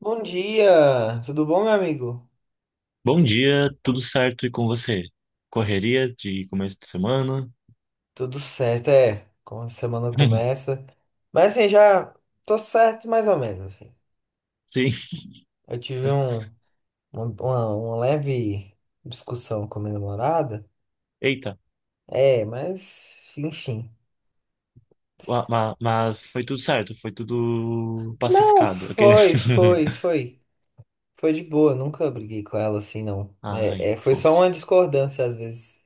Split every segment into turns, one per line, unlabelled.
Bom dia, tudo bom, meu amigo?
Bom dia, tudo certo e com você? Correria de começo de semana?
Tudo certo, é. Como a semana começa. Mas assim, já tô certo mais ou menos, assim.
Sim,
Eu tive um, uma leve discussão com a minha namorada.
eita,
É, mas enfim.
mas foi tudo certo, foi tudo
Não,
pacificado. Aqueles.
foi. Foi de boa, nunca briguei com ela assim, não.
Ai,
Foi só uma
fofos.
discordância às vezes.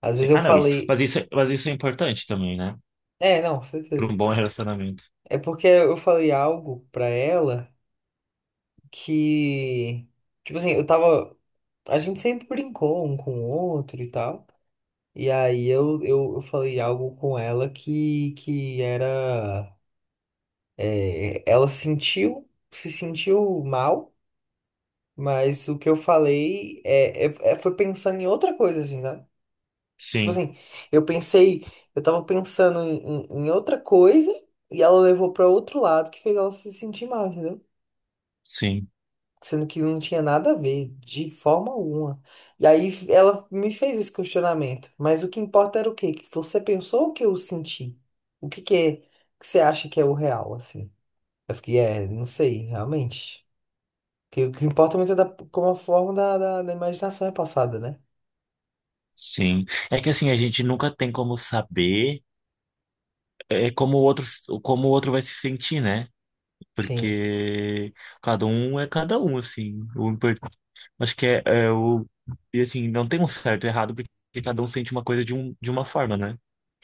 Às
Sim.
vezes eu
Ah, não, isso. Mas
falei.
isso é importante também, né?
É, não,
Para
certeza.
um bom relacionamento.
É porque eu falei algo pra ela, que, tipo assim, eu tava, a gente sempre brincou um com o outro e tal. E aí eu falei algo com ela que era, é, se sentiu mal, mas o que eu falei foi pensando em outra coisa, assim, sabe? Tipo
Sim,
assim, eu pensei, eu tava pensando em outra coisa e ela levou pra outro lado que fez ela se sentir mal, entendeu?
sim,
Sendo que não tinha nada a ver, de forma alguma. E aí ela me fez esse questionamento, mas o que importa era o quê? Que você pensou ou que eu senti? O que que é que você acha que é o real, assim? Eu fiquei, é, não sei, realmente. Que o que importa muito é da, como a forma da imaginação é passada, né?
sim. É que assim, a gente nunca tem como saber como o outro vai se sentir, né?
Sim.
Porque cada um é cada um, assim. O importante, acho que é, é o e assim, não tem um certo e errado, porque cada um sente uma coisa de uma forma, né?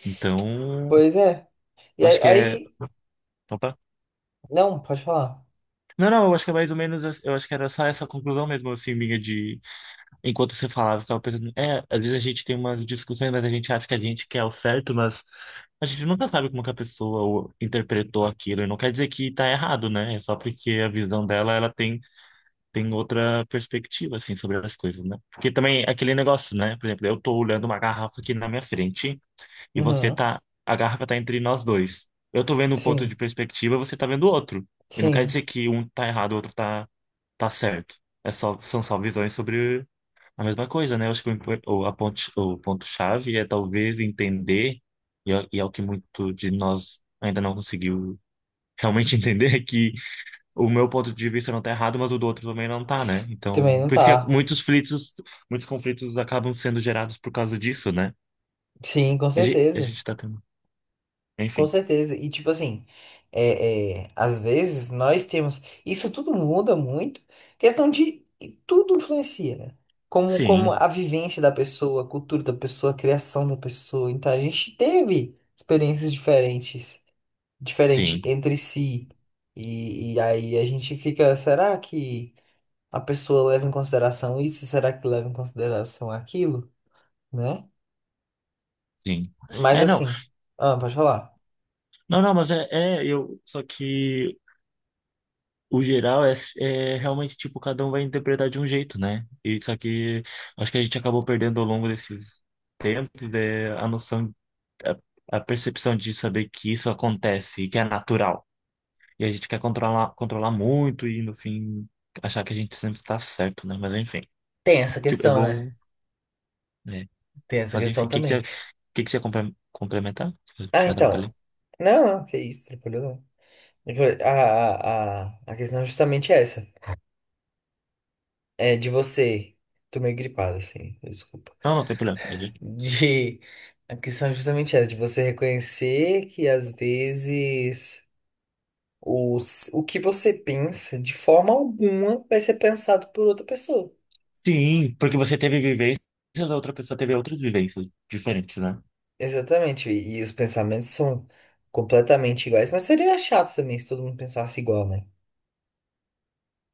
Então,
Pois é. E
eu acho
aí,
que é,
aí-
opa.
não, pode falar.
Não, não, eu acho que é mais ou menos, eu acho que era só essa conclusão mesmo, assim, minha de, enquanto você falava, eu ficava pensando, às vezes a gente tem umas discussões, mas a gente acha que a gente quer o certo, mas a gente nunca sabe como que a pessoa interpretou aquilo, e não quer dizer que tá errado, né? É só porque a visão dela, ela tem outra perspectiva, assim, sobre as coisas, né? Porque também é aquele negócio, né? Por exemplo, eu tô olhando uma garrafa aqui na minha frente e você
Uhum.
tá... A garrafa tá entre nós dois. Eu tô vendo um ponto de
Sim,
perspectiva, você tá vendo outro. E não quer
sim.
dizer que um tá errado, o outro tá, tá certo. É só, são só visões sobre a mesma coisa, né? Eu acho que o, impo- o, a ponte- o ponto-chave é talvez entender, e é o que muito de nós ainda não conseguiu realmente entender, o meu ponto de vista não tá errado, mas o do outro também não tá, né?
Também
Então,
não
por isso que
tá.
muitos conflitos acabam sendo gerados por causa disso, né?
Sim, com
A gente, a
certeza.
gente tá tendo,
Com
enfim.
certeza. E tipo assim, às vezes nós temos. Isso tudo muda muito. Questão de. Tudo influencia, né? Como, como
Sim,
a vivência da pessoa, a cultura da pessoa, a criação da pessoa. Então a gente teve experiências diferentes, diferente
sim,
entre si. E aí a gente fica, será que a pessoa leva em consideração isso? Será que leva em consideração aquilo? Né?
sim.
Mas
É, não,
assim, ah, pode falar.
não, não, mas é eu, só que o geral é realmente tipo cada um vai interpretar de um jeito, né? E só que acho que a gente acabou perdendo ao longo desses tempos, né, a noção, a percepção de saber que isso acontece e que é natural. E a gente quer controlar, controlar muito e, no fim, achar que a gente sempre está certo, né? Mas, enfim,
Tem essa
o que é
questão, né?
bom, né?
Tem essa
Mas,
questão
enfim, o que que você,
também.
o que que você ia complementar? Eu
Ah,
te
então.
atrapalhei.
Não, não, que isso, tranquilo não. É que a questão é justamente essa. É de você. Tô meio gripado, assim, desculpa.
Não, não tem problema.
De. A questão é justamente essa, de você reconhecer que às vezes o que você pensa, de forma alguma, vai ser pensado por outra pessoa.
Sim, porque você teve vivências, a outra pessoa teve outras vivências diferentes, né?
Exatamente. E os pensamentos são completamente iguais. Mas seria chato também se todo mundo pensasse igual, né?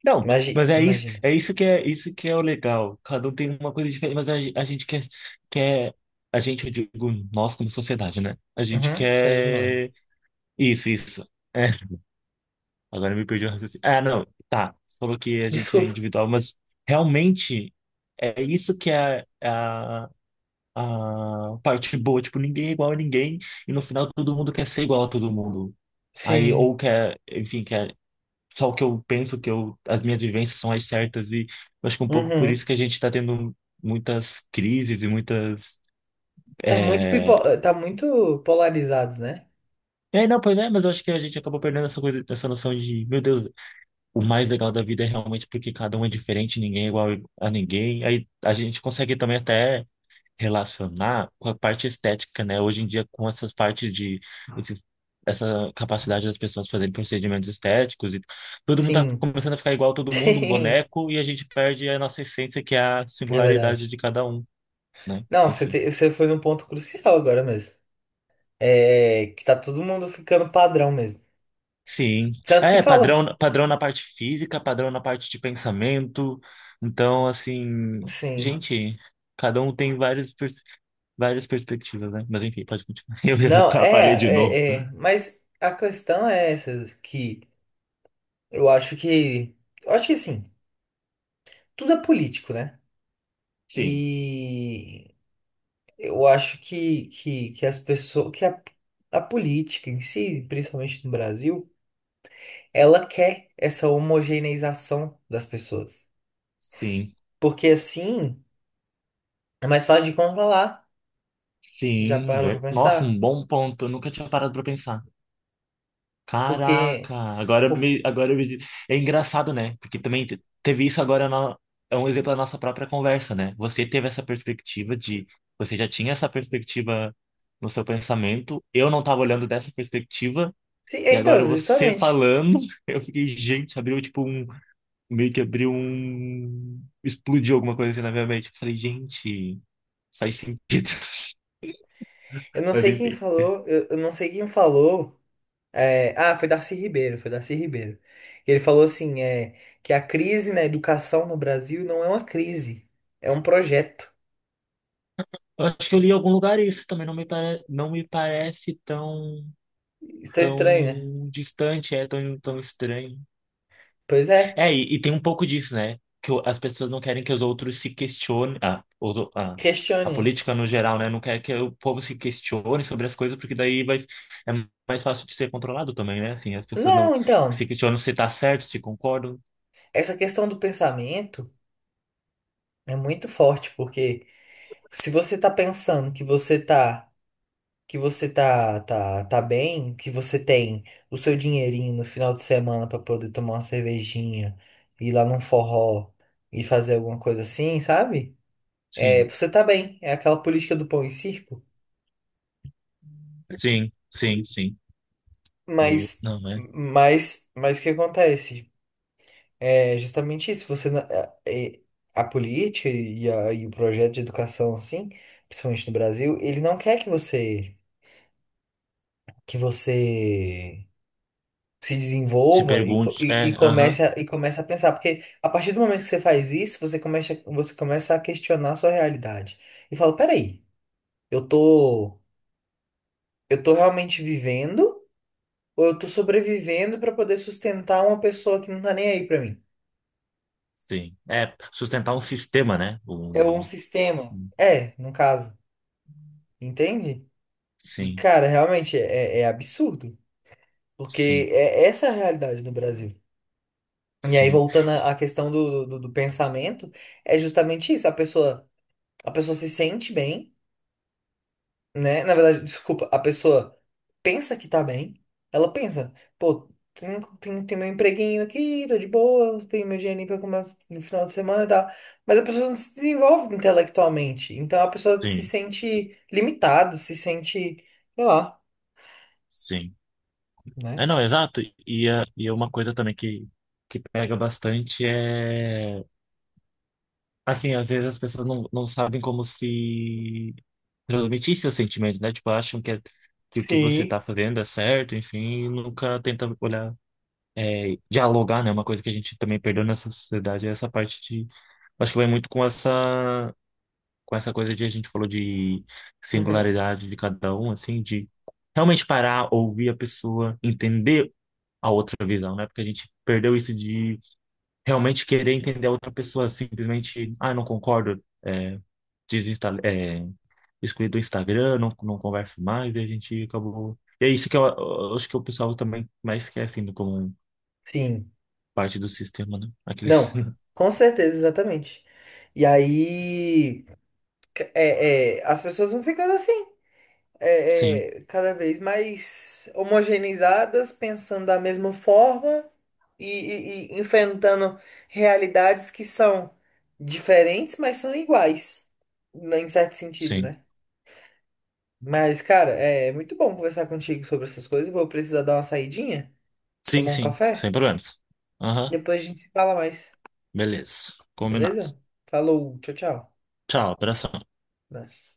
Não,
Imagina.
mas
Imagina.
é isso que é isso que é o legal. Cada um tem uma coisa diferente, mas a gente quer, a gente, eu digo, nós como sociedade, né? A gente
Uhum, ser humano.
quer isso, isso. É. Agora me perdi o raciocínio. Ah, não, tá. Você falou que a gente é
Desculpa.
individual, mas realmente é isso que é a parte boa. Tipo, ninguém é igual a ninguém e no final todo mundo quer ser igual a todo mundo. Aí, ou
Sim.
quer, enfim, quer só o que eu penso, que eu, as minhas vivências são as certas e eu acho que um pouco por
Uhum.
isso que a gente tá tendo muitas crises e muitas.
Tá muito pipo...
É...
tá muito polarizados, né?
é, não, pois é, mas eu acho que a gente acabou perdendo essa coisa, essa noção de, meu Deus. O mais legal da vida é realmente porque cada um é diferente, ninguém é igual a ninguém. Aí a gente consegue também até relacionar com a parte estética, né? Hoje em dia, com essas partes de esse- essa capacidade das pessoas fazerem procedimentos estéticos e todo mundo tá
Sim.
começando a ficar igual a todo mundo, um
Sim.
boneco, e a gente perde a nossa essência, que é a
É verdade.
singularidade de cada um, né?
Não,
Enfim.
você foi num ponto crucial agora mesmo. É que tá todo mundo ficando padrão mesmo.
Sim.
Tanto que
É,
fala.
padrão, padrão na parte física, padrão na parte de pensamento. Então, assim,
Sim.
gente, cada um tem várias perspectivas, né? Mas enfim, pode continuar. Eu já
Não,
atrapalhei de novo.
é. Mas a questão é essa, que eu acho que. Eu acho que assim, tudo é político, né?
Sim,
E eu acho que as pessoas. Que a política em si, principalmente no Brasil, ela quer essa homogeneização das pessoas.
sim,
Porque assim é mais fácil de controlar. Já
sim.
parou pra
Nossa,
pensar?
um bom ponto. Eu nunca tinha parado pra pensar. Caraca,
Porque,
agora eu
por...
me, agora eu me, di- É engraçado, né? Porque também teve isso agora na- é um exemplo da nossa própria conversa, né? Você teve essa perspectiva de você já tinha essa perspectiva no seu pensamento, eu não estava olhando dessa perspectiva
Sim, é,
e
então,
agora você
justamente.
falando, eu fiquei, gente, abriu tipo um meio que abriu um explodiu alguma coisa assim na minha mente. Eu falei, gente, faz sentido.
Eu não
Mas
sei quem
enfim.
falou, eu não sei quem falou. Ah, foi Darcy Ribeiro. Ele falou assim, é, que a crise na educação no Brasil não é uma crise, é um projeto.
Eu acho que eu li em algum lugar isso também não me parece tão
Está estranho, né?
tão distante, é tão, tão estranho.
Pois é,
É, e tem um pouco disso, né? Que o- as pessoas não querem que os outros se questionem. Ah, a
questione.
política no geral, né? Não quer que o povo se questione sobre as coisas, porque daí vai, é mais fácil de ser controlado também, né? Assim, as pessoas não,
Não, então,
se questionam se tá certo, se concordam.
essa questão do pensamento é muito forte, porque se você tá pensando que você tá bem, que você tem o seu dinheirinho no final de semana pra poder tomar uma cervejinha, ir lá num forró e fazer alguma coisa assim, sabe? É,
Sim,
você tá bem, é aquela política do pão e circo,
sim, sim, sim. Meio,
mas
não, né?
o que acontece? É justamente isso, você a política e o projeto de educação assim, principalmente no Brasil, ele não quer que você se
Se
desenvolva
pergunte. É, aham,
e comece a pensar. Porque a partir do momento que você faz isso, você começa a questionar a sua realidade. E fala, peraí, eu tô, eu tô realmente vivendo ou eu tô sobrevivendo para poder sustentar uma pessoa que não tá nem aí para mim?
sim. É, sustentar um sistema, né?
É um
Um,
sistema. É, no caso. Entende? E,
sim,
cara, realmente é, é absurdo. Porque
sim,
é essa é a realidade no Brasil. E aí,
sim,
voltando à questão do pensamento, é justamente isso. A pessoa. A pessoa se sente bem, né? Na verdade, desculpa, a pessoa pensa que tá bem, ela pensa, pô, tem meu empreguinho aqui, tô de boa, tenho meu dinheirinho pra comer no final de semana e tal. Mas a pessoa não se desenvolve intelectualmente, então a pessoa se
sim,
sente limitada, se sente, sei lá,
sim.
né?
É, não, exato. E é uma coisa também que pega bastante é. Assim, às vezes as pessoas não sabem como se transmitir seus sentimentos, né? Tipo, acham que, que o que você tá
Sim.
fazendo é certo, enfim, e nunca tenta olhar, dialogar, né? Uma coisa que a gente também perdeu nessa sociedade é essa parte de. Acho que vai muito com com essa coisa de a gente falou de
Uhum.
singularidade de cada um, assim, de realmente parar, ouvir a pessoa, entender a outra visão, né? Porque a gente perdeu isso de realmente querer entender a outra pessoa, simplesmente, ah, não concordo, é, desinsta, é, excluí do Instagram, não converso mais, e a gente acabou. E é isso que eu acho que o pessoal também mais quer, assim, como
Sim.
parte do sistema, né? Aquele...
Não, com certeza, exatamente. E aí, as pessoas vão ficando assim,
Sim,
cada vez mais homogeneizadas, pensando da mesma forma e enfrentando realidades que são diferentes, mas são iguais, né, em certo sentido,
sim.
né? Mas, cara, é muito bom conversar contigo sobre essas coisas. Vou precisar dar uma saidinha,
Sim,
tomar um
sim,
café.
sem problemas. Aham,
Depois a gente se fala mais,
beleza. Combinado.
beleza? Falou, tchau, tchau.
Tchau, abração.
Abraço.